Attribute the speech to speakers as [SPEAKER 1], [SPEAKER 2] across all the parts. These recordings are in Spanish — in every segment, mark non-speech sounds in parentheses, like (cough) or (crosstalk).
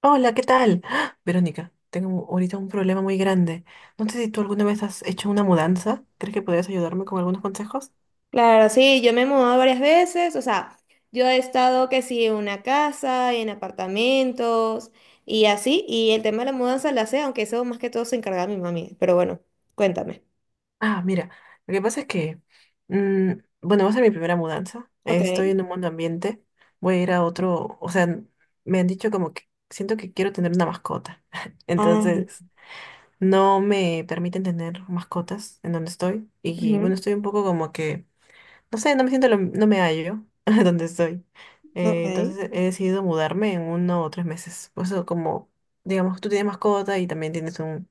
[SPEAKER 1] Hola, ¿qué tal? ¡Ah! Verónica, tengo ahorita un problema muy grande. No sé si tú alguna vez has hecho una mudanza. ¿Crees que podrías ayudarme con algunos consejos?
[SPEAKER 2] Claro, sí, yo me he mudado varias veces, o sea, yo he estado que sí en una casa, en apartamentos y así, y el tema de la mudanza la sé, aunque eso más que todo se encarga mi mami, pero bueno, cuéntame.
[SPEAKER 1] Ah, mira, lo que pasa es que, mm, bueno, va a ser mi primera mudanza. Estoy
[SPEAKER 2] Ok.
[SPEAKER 1] en un mundo ambiente. Voy a ir a otro, o sea, me han dicho como que siento que quiero tener una mascota. (laughs)
[SPEAKER 2] Ay,
[SPEAKER 1] Entonces, no me permiten tener mascotas en donde estoy. Y bueno,
[SPEAKER 2] ujú,
[SPEAKER 1] estoy un poco como que no sé, no me siento, no me hallo (laughs) donde estoy.
[SPEAKER 2] ok.
[SPEAKER 1] Entonces he decidido mudarme en uno o tres meses. Por eso como, digamos, tú tienes mascota y también tienes un,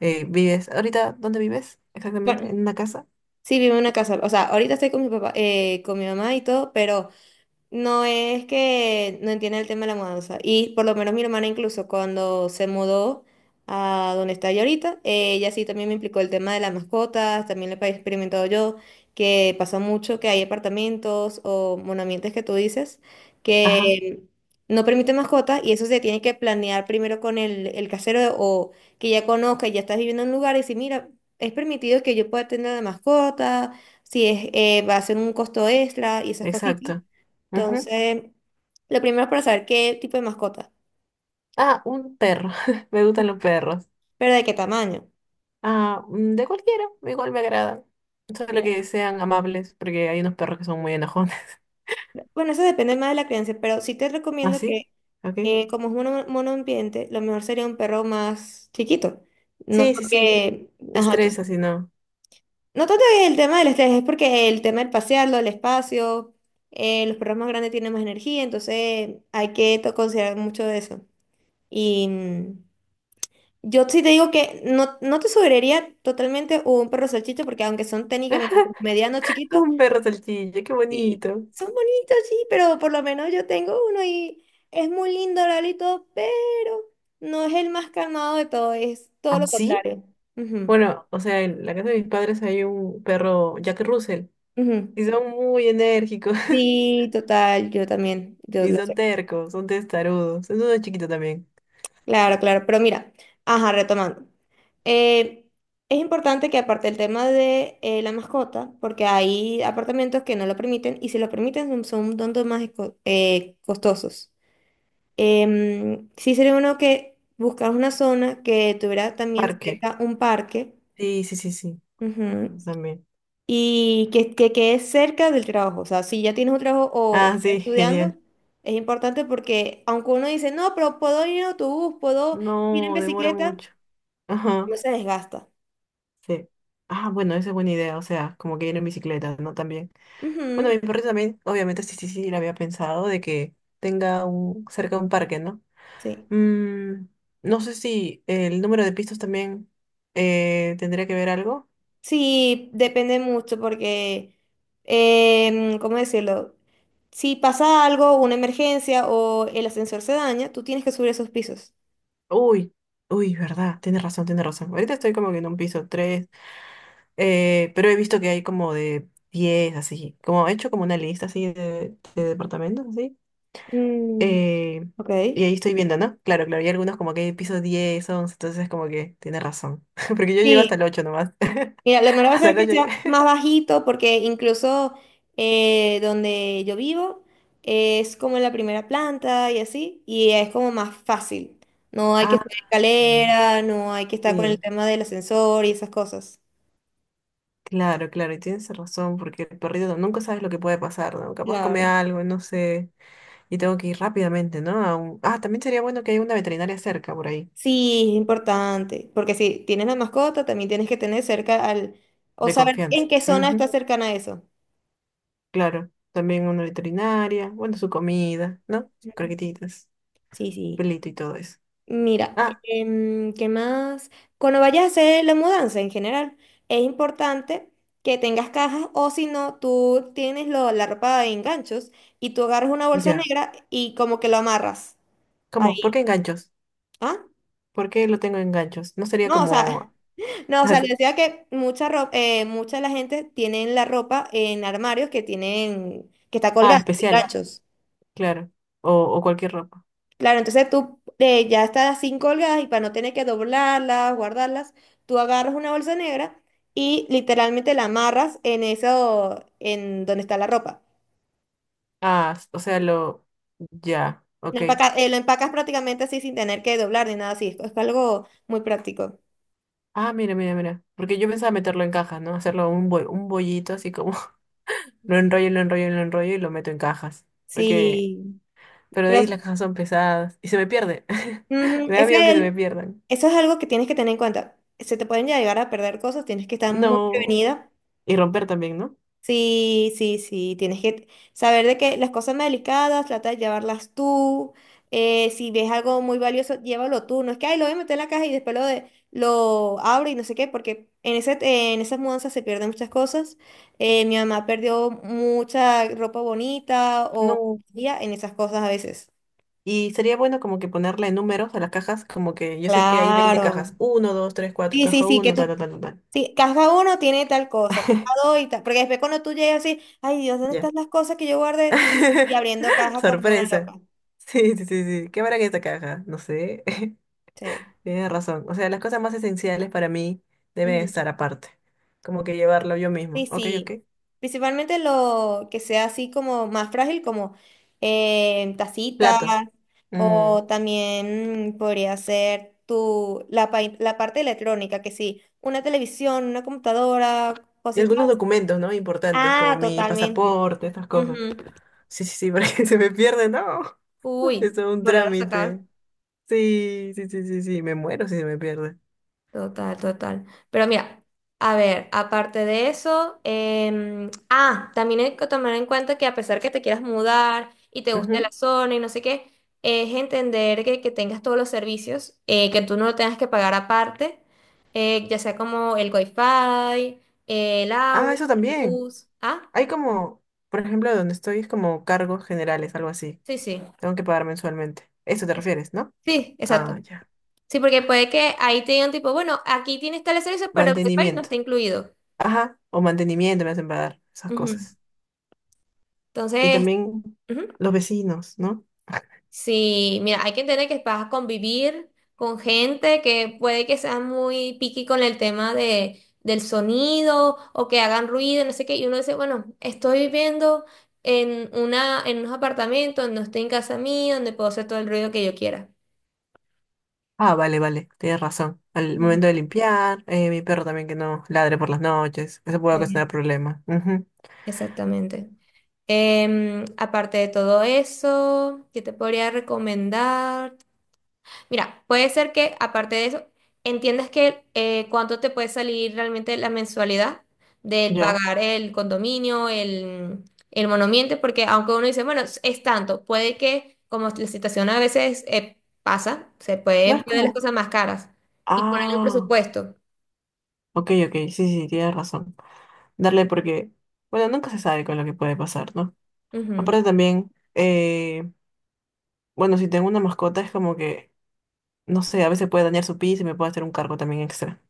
[SPEAKER 1] vives, ahorita, ¿dónde vives? Exactamente,
[SPEAKER 2] Bueno,
[SPEAKER 1] en una casa.
[SPEAKER 2] sí, vivo en una casa, o sea, ahorita estoy con mi papá, con mi mamá y todo, pero no es que no entiende el tema de la mudanza. Y por lo menos mi hermana incluso cuando se mudó a donde está ella ahorita, ella sí también me implicó el tema de las mascotas, también lo he experimentado yo, que pasa mucho que hay apartamentos o monamientos que tú dices
[SPEAKER 1] Ajá,
[SPEAKER 2] que no permiten mascotas y eso se tiene que planear primero con el casero o que ya conozca, ya estás viviendo en un lugar y si mira, es permitido que yo pueda tener la mascota, si es, va a ser un costo extra y esas cositas.
[SPEAKER 1] exacto. Ujú.
[SPEAKER 2] Entonces, lo primero es para saber qué tipo de mascota,
[SPEAKER 1] Ah, un perro. (laughs) Me gustan los perros.
[SPEAKER 2] pero de qué tamaño.
[SPEAKER 1] Ah, de cualquiera, igual me agradan. Solo
[SPEAKER 2] Mira,
[SPEAKER 1] que sean amables, porque hay unos perros que son muy enojones. (laughs)
[SPEAKER 2] bueno, eso depende más de la crianza, pero sí te
[SPEAKER 1] ¿Ah,
[SPEAKER 2] recomiendo que,
[SPEAKER 1] sí? Ok.
[SPEAKER 2] como es monoambiente, lo mejor sería un perro más chiquito. No
[SPEAKER 1] Sí, sí, sí.
[SPEAKER 2] porque,
[SPEAKER 1] Te
[SPEAKER 2] ajá,
[SPEAKER 1] estresa, si no.
[SPEAKER 2] no tanto es el tema del estrés, es porque el tema del pasearlo, el espacio, los perros más grandes tienen más energía, entonces hay que considerar mucho de eso. Y. mm, Yo sí te digo que no, no te sugeriría totalmente un perro salchicha porque aunque son técnicamente como medianos
[SPEAKER 1] (laughs)
[SPEAKER 2] chiquitos
[SPEAKER 1] Un perro salchicha, qué
[SPEAKER 2] y
[SPEAKER 1] bonito.
[SPEAKER 2] son bonitos, sí, pero por lo menos yo tengo uno y es muy lindo, Lalito, pero no es el más calmado de todo, es todo
[SPEAKER 1] Ah,
[SPEAKER 2] lo
[SPEAKER 1] sí.
[SPEAKER 2] contrario. Ujú,
[SPEAKER 1] Bueno, o sea, en la casa de mis padres hay un perro Jack Russell
[SPEAKER 2] ujú.
[SPEAKER 1] y son muy enérgicos. (laughs)
[SPEAKER 2] Sí, total, yo también, yo
[SPEAKER 1] Y
[SPEAKER 2] lo
[SPEAKER 1] son
[SPEAKER 2] sé.
[SPEAKER 1] tercos, son testarudos. Es uno chiquito también.
[SPEAKER 2] Claro, claro, pero mira, ajá, retomando. Eh, es importante que aparte el tema de la mascota, porque hay apartamentos que no lo permiten y si lo permiten son un tanto más costosos. Sí sería bueno que buscar una zona que tuviera también
[SPEAKER 1] Parque.
[SPEAKER 2] cerca un parque.
[SPEAKER 1] Sí, sí, sí, sí.
[SPEAKER 2] Ujú,
[SPEAKER 1] Eso también.
[SPEAKER 2] y que quede cerca del trabajo. O sea, si ya tienes un trabajo o
[SPEAKER 1] Ah,
[SPEAKER 2] estás
[SPEAKER 1] sí, (laughs)
[SPEAKER 2] estudiando,
[SPEAKER 1] genial.
[SPEAKER 2] es importante porque aunque uno dice, no, pero puedo ir en autobús, puedo ir en
[SPEAKER 1] No, demora
[SPEAKER 2] bicicleta.
[SPEAKER 1] mucho.
[SPEAKER 2] No
[SPEAKER 1] Ajá,
[SPEAKER 2] se desgasta.
[SPEAKER 1] sí. Ah, bueno, esa es buena idea. O sea, como que ir en bicicleta, ¿no? También. Bueno,
[SPEAKER 2] Ujú,
[SPEAKER 1] mi perrito también, obviamente, sí, sí, sí, lo había pensado de que tenga un, cerca un parque, ¿no?
[SPEAKER 2] sí.
[SPEAKER 1] Mm, no sé si el número de pistas también tendría que ver algo.
[SPEAKER 2] Sí, depende mucho porque, ¿cómo decirlo? Si pasa algo, una emergencia o el ascensor se daña, tú tienes que subir esos pisos.
[SPEAKER 1] Uy, uy, verdad, tienes razón, tienes razón. Ahorita estoy como que en un piso tres, pero he visto que hay como de 10 así. Como he hecho como una lista así de departamentos, así.
[SPEAKER 2] Mm,
[SPEAKER 1] eh,
[SPEAKER 2] ok.
[SPEAKER 1] y ahí estoy viendo, ¿no? Claro, claro, y algunos como que hay pisos 10, 11, entonces como que tienes razón. (laughs) Porque yo llego hasta
[SPEAKER 2] Sí,
[SPEAKER 1] el 8 nomás.
[SPEAKER 2] mira, lo
[SPEAKER 1] (laughs)
[SPEAKER 2] mejor va a
[SPEAKER 1] Hasta
[SPEAKER 2] ser
[SPEAKER 1] el
[SPEAKER 2] que
[SPEAKER 1] ocho.
[SPEAKER 2] sea más bajito porque incluso donde yo vivo es como en la primera planta y así, y es como más fácil. No hay que
[SPEAKER 1] Ah,
[SPEAKER 2] subir
[SPEAKER 1] ya, ya, ya.
[SPEAKER 2] escalera, no hay que estar con el
[SPEAKER 1] Sí.
[SPEAKER 2] tema del ascensor y esas cosas.
[SPEAKER 1] Claro, claro, y tienes razón, porque el perrito nunca sabes lo que puede pasar, ¿no? Capaz come
[SPEAKER 2] Claro.
[SPEAKER 1] algo, no sé, y tengo que ir rápidamente, ¿no? Ah, también sería bueno que haya una veterinaria cerca por ahí,
[SPEAKER 2] Sí, es importante, porque si tienes la mascota, también tienes que tener cerca al, o
[SPEAKER 1] de
[SPEAKER 2] saber
[SPEAKER 1] confianza.
[SPEAKER 2] en qué zona está
[SPEAKER 1] Ujú,
[SPEAKER 2] cercana a eso.
[SPEAKER 1] claro, también una veterinaria, bueno, su comida, ¿no? Sus
[SPEAKER 2] Ujú.
[SPEAKER 1] croquetitas,
[SPEAKER 2] Sí, sí.
[SPEAKER 1] pelito y todo eso.
[SPEAKER 2] Mira,
[SPEAKER 1] Ah,
[SPEAKER 2] ¿qué más? Cuando vayas a hacer la mudanza en general, es importante que tengas cajas o si no, tú tienes la ropa en ganchos y tú agarras una bolsa
[SPEAKER 1] ya.
[SPEAKER 2] negra y como que lo amarras
[SPEAKER 1] ¿Cómo? ¿Por
[SPEAKER 2] ahí.
[SPEAKER 1] qué enganchos?
[SPEAKER 2] ¿Ah?
[SPEAKER 1] ¿Por qué lo tengo en ganchos? No sería
[SPEAKER 2] No, o sea...
[SPEAKER 1] como...
[SPEAKER 2] No, o sea, les
[SPEAKER 1] (laughs)
[SPEAKER 2] decía que mucha ropa, mucha de la gente tienen la ropa en armarios que tienen, que está
[SPEAKER 1] Ah,
[SPEAKER 2] colgada, en
[SPEAKER 1] especial,
[SPEAKER 2] ganchos.
[SPEAKER 1] claro. O cualquier ropa.
[SPEAKER 2] Claro, entonces tú ya estás así colgadas y para no tener que doblarlas, guardarlas, tú agarras una bolsa negra y literalmente la amarras en eso, en donde está la ropa.
[SPEAKER 1] O sea, lo... Ya, ok.
[SPEAKER 2] Lo empacas prácticamente así sin tener que doblar ni nada así. Es algo muy práctico.
[SPEAKER 1] Ah, mira, mira, mira. Porque yo pensaba meterlo en cajas, ¿no? Un bollito así como (laughs) lo enrollo, lo enrollo, lo enrollo y lo meto en cajas. Porque,
[SPEAKER 2] Sí,
[SPEAKER 1] pero de
[SPEAKER 2] pero
[SPEAKER 1] ahí las cajas son pesadas y se me pierde. (laughs)
[SPEAKER 2] ujú,
[SPEAKER 1] Me da miedo que se me pierdan.
[SPEAKER 2] eso es algo que tienes que tener en cuenta. Se te pueden llegar a perder cosas, tienes que estar muy
[SPEAKER 1] No.
[SPEAKER 2] prevenida.
[SPEAKER 1] Y romper también, ¿no?
[SPEAKER 2] Sí, sí, sí, tienes que saber de que las cosas más delicadas, trata de llevarlas tú. Si ves algo muy valioso, llévalo tú. No es que, ay, lo voy a meter en la caja y después lo, de, lo abro y no sé qué, porque en ese, en esas mudanzas se pierden muchas cosas. Mi mamá perdió mucha ropa bonita o
[SPEAKER 1] No.
[SPEAKER 2] joyería en esas cosas a veces.
[SPEAKER 1] Y sería bueno como que ponerle números a las cajas, como que yo sé que hay 20
[SPEAKER 2] Claro.
[SPEAKER 1] cajas. Uno, 2, 3, cuatro,
[SPEAKER 2] Sí, sí,
[SPEAKER 1] caja
[SPEAKER 2] sí, que
[SPEAKER 1] uno, tal,
[SPEAKER 2] tú.
[SPEAKER 1] tal, tal, tal, tal.
[SPEAKER 2] Sí, cada uno tiene tal cosa, cuidado y tal. Porque después cuando tú llegas así, ay Dios, ¿dónde
[SPEAKER 1] Ya.
[SPEAKER 2] están las cosas que yo guardé? Y
[SPEAKER 1] (laughs)
[SPEAKER 2] abriendo caja como una
[SPEAKER 1] Sorpresa.
[SPEAKER 2] loca.
[SPEAKER 1] Sí, sí, sí, sí. ¿Qué habrá en esta caja? No sé. (laughs)
[SPEAKER 2] Sí.
[SPEAKER 1] Tienes razón. O sea, las cosas más esenciales para mí deben
[SPEAKER 2] Ujú.
[SPEAKER 1] estar aparte. Como que llevarlo yo
[SPEAKER 2] Sí,
[SPEAKER 1] mismo. Ok, ok.
[SPEAKER 2] sí. Principalmente lo que sea así como más frágil, como tacitas,
[SPEAKER 1] Platos. Mm.
[SPEAKER 2] o también podría ser la parte electrónica, que sí, una televisión, una computadora,
[SPEAKER 1] Y
[SPEAKER 2] cositas.
[SPEAKER 1] algunos
[SPEAKER 2] Así.
[SPEAKER 1] documentos, ¿no? Importantes, como
[SPEAKER 2] Ah,
[SPEAKER 1] mi
[SPEAKER 2] totalmente.
[SPEAKER 1] pasaporte, estas cosas.
[SPEAKER 2] Ujú.
[SPEAKER 1] Sí, sí, sí, (laughs) porque se me pierde, no. (laughs) Eso es
[SPEAKER 2] Uy,
[SPEAKER 1] todo un
[SPEAKER 2] volver a sacar.
[SPEAKER 1] trámite. Sí, sí, sí, sí, sí. Me muero si se me pierde.
[SPEAKER 2] Total, total. Pero mira, a ver, aparte de eso, también hay que tomar en cuenta que a pesar que te quieras mudar y te guste la
[SPEAKER 1] Ujú.
[SPEAKER 2] zona y no sé qué, es entender que tengas todos los servicios, que tú no lo tengas que pagar aparte, ya sea como el wifi, el agua,
[SPEAKER 1] Ah, eso
[SPEAKER 2] la
[SPEAKER 1] también.
[SPEAKER 2] luz. Ah,
[SPEAKER 1] Hay como, por ejemplo, donde estoy es como cargos generales, algo así.
[SPEAKER 2] sí, sí.
[SPEAKER 1] Tengo que pagar mensualmente. Eso te
[SPEAKER 2] Es-
[SPEAKER 1] refieres, ¿no?
[SPEAKER 2] Sí, exacto.
[SPEAKER 1] Ah, ya.
[SPEAKER 2] Sí, porque puede que ahí te digan tipo, bueno, aquí tienes tales servicios, pero el wifi no
[SPEAKER 1] Mantenimiento.
[SPEAKER 2] está incluido.
[SPEAKER 1] Ajá, o mantenimiento me hacen pagar, esas
[SPEAKER 2] Ujú.
[SPEAKER 1] cosas. Y
[SPEAKER 2] Entonces.
[SPEAKER 1] también
[SPEAKER 2] Ujú.
[SPEAKER 1] los vecinos, ¿no?
[SPEAKER 2] Sí, mira, hay que entender que vas a convivir con gente que puede que sea muy picky con el tema de, del sonido o que hagan ruido, no sé qué. Y uno dice, bueno, estoy viviendo en una, en unos apartamentos, no estoy en casa mía, donde puedo hacer todo el ruido que yo quiera.
[SPEAKER 1] Ah, vale, vale, tienes razón. Al
[SPEAKER 2] Ujú.
[SPEAKER 1] momento de limpiar, mi perro también que no ladre por las noches, eso puede
[SPEAKER 2] Sí.
[SPEAKER 1] ocasionar problemas. Ujú,
[SPEAKER 2] Exactamente. Aparte de todo eso, ¿qué te podría recomendar? Mira, puede ser que aparte de eso, entiendas que cuánto te puede salir realmente la mensualidad del
[SPEAKER 1] ya,
[SPEAKER 2] pagar el condominio, el monoambiente, porque aunque uno dice, bueno, es tanto, puede que como la situación a veces pasa, se
[SPEAKER 1] no
[SPEAKER 2] pueden
[SPEAKER 1] es
[SPEAKER 2] poner las
[SPEAKER 1] como,
[SPEAKER 2] cosas más caras y poner un
[SPEAKER 1] ah,
[SPEAKER 2] presupuesto.
[SPEAKER 1] ok, ok, sí, sí, tienes razón. Darle porque, bueno, nunca se sabe con lo que puede pasar, ¿no?
[SPEAKER 2] Ujú.
[SPEAKER 1] Aparte también, bueno, si tengo una mascota es como que, no sé, a veces puede dañar su piso y me puede hacer un cargo también extra,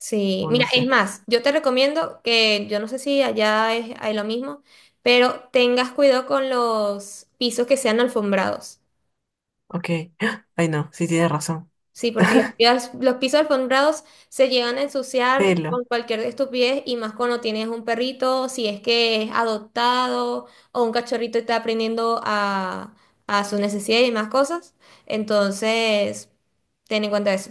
[SPEAKER 2] Sí,
[SPEAKER 1] o no
[SPEAKER 2] mira, es
[SPEAKER 1] sé.
[SPEAKER 2] más, yo te recomiendo que, yo no sé si allá es, hay lo mismo, pero tengas cuidado con los pisos que sean alfombrados.
[SPEAKER 1] Ok, (gasps) ay no, sí tienes razón.
[SPEAKER 2] Sí, porque los pisos alfombrados se llegan a ensuciar
[SPEAKER 1] Pelo.
[SPEAKER 2] con cualquier estupidez y más cuando tienes un perrito, si es que es adoptado o un cachorrito está aprendiendo a sus necesidades y más cosas. Entonces, ten en cuenta eso.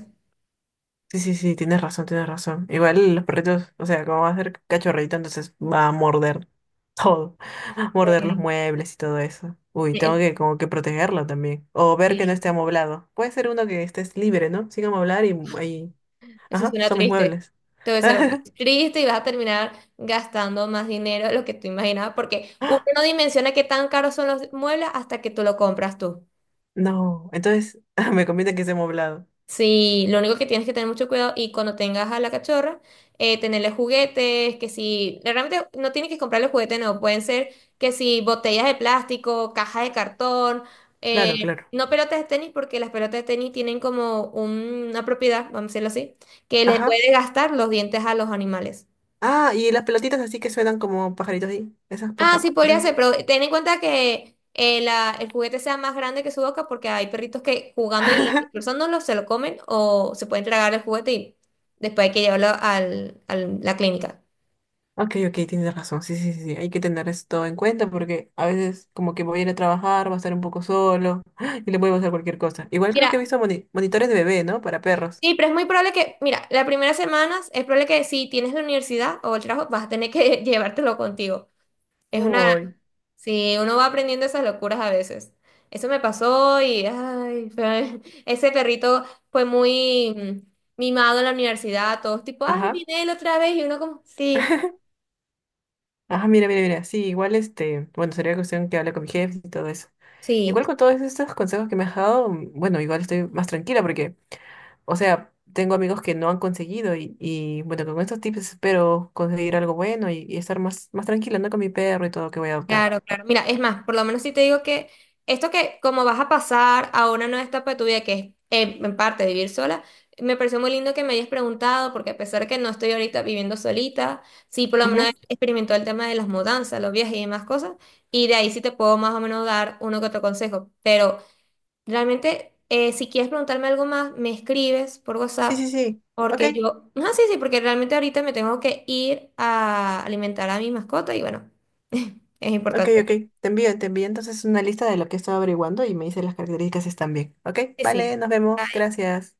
[SPEAKER 1] Sí, sí, sí, tienes razón, tienes razón. Igual los perritos, o sea, como va a ser cachorrito, entonces va a morder todo. (laughs) Morder los
[SPEAKER 2] Sí.
[SPEAKER 1] muebles y todo eso. Uy, tengo
[SPEAKER 2] Eh,
[SPEAKER 1] que como que protegerlo también. O ver que no
[SPEAKER 2] sí,
[SPEAKER 1] esté amoblado. Puede ser uno que estés libre, ¿no? Sin amoblar y ahí.
[SPEAKER 2] eso
[SPEAKER 1] Ajá,
[SPEAKER 2] suena
[SPEAKER 1] son mis
[SPEAKER 2] triste.
[SPEAKER 1] muebles.
[SPEAKER 2] Entonces,
[SPEAKER 1] (laughs)
[SPEAKER 2] es triste y vas a terminar gastando más dinero de lo que tú imaginabas, porque uno no dimensiona qué tan caros son los muebles hasta que tú lo compras tú.
[SPEAKER 1] No, entonces (laughs) me conviene que esté amoblado.
[SPEAKER 2] Sí, lo único que tienes que tener mucho cuidado y cuando tengas a la cachorra, tenerle juguetes, que si, realmente no tienes que comprarle juguetes, no, pueden ser que si botellas de plástico, cajas de cartón, eh,
[SPEAKER 1] Claro, claro.
[SPEAKER 2] no pelotas de tenis, porque las pelotas de tenis tienen como una propiedad, vamos a decirlo así, que le
[SPEAKER 1] Ajá.
[SPEAKER 2] puede gastar los dientes a los animales.
[SPEAKER 1] Ah, y las pelotitas así que suenan como pajaritos ahí. Esas
[SPEAKER 2] Ah,
[SPEAKER 1] pajas.
[SPEAKER 2] sí, podría ser, pero ten en cuenta que el juguete sea más grande que su boca porque hay perritos que jugando y destrozándolo se lo comen o se pueden tragar el juguete y después hay que llevarlo al, a la clínica.
[SPEAKER 1] Ok, ok, tienes razón. Sí, sí, sí, sí, hay que tener esto en cuenta porque a veces como que voy a ir a trabajar, va a estar un poco solo (gasps) y le puede pasar cualquier cosa. Igual creo que he
[SPEAKER 2] Mira,
[SPEAKER 1] visto monitores de bebé, ¿no? Para perros.
[SPEAKER 2] sí, pero es muy probable que, mira, las primeras semanas es probable que si tienes la universidad o el trabajo vas a tener que (laughs) llevártelo contigo. Es una.
[SPEAKER 1] Uy.
[SPEAKER 2] Sí, uno va aprendiendo esas locuras a veces. Eso me pasó y ay, (laughs) ese perrito fue muy mimado en la universidad, todos tipo, ay,
[SPEAKER 1] Ajá.
[SPEAKER 2] viene él otra vez y uno como, sí,
[SPEAKER 1] Ajá, mira, mira, mira. Sí, igual este, bueno, sería cuestión que hable con mi jefe y todo eso.
[SPEAKER 2] sí.
[SPEAKER 1] Igual con todos estos consejos que me has dado, bueno, igual estoy más tranquila porque, o sea, tengo amigos que no han conseguido y bueno, con estos tips espero conseguir algo bueno y estar más, más tranquila, ¿no? Con mi perro y todo que voy a adoptar.
[SPEAKER 2] Claro, claro. Mira, es más, por lo menos si te digo que esto que como vas a pasar a una nueva etapa de tu vida, que es en parte vivir sola, me pareció muy lindo que me hayas preguntado, porque a pesar que no estoy ahorita viviendo solita, sí por lo menos experimentó el tema de las mudanzas, los viajes y demás cosas, y de ahí sí te puedo más o menos dar uno que otro consejo. Pero realmente, si quieres preguntarme algo más, me escribes por
[SPEAKER 1] Sí,
[SPEAKER 2] WhatsApp.
[SPEAKER 1] sí, sí. Ok,
[SPEAKER 2] Porque yo, no, sí, sí, porque realmente ahorita me tengo que ir a alimentar a mi mascota y bueno, (laughs) es
[SPEAKER 1] ok,
[SPEAKER 2] importante.
[SPEAKER 1] ok. Te envío entonces una lista de lo que estoy averiguando y me dices las características si están bien. Ok,
[SPEAKER 2] Sí,
[SPEAKER 1] vale,
[SPEAKER 2] sí.
[SPEAKER 1] nos vemos.
[SPEAKER 2] Ahí
[SPEAKER 1] Gracias.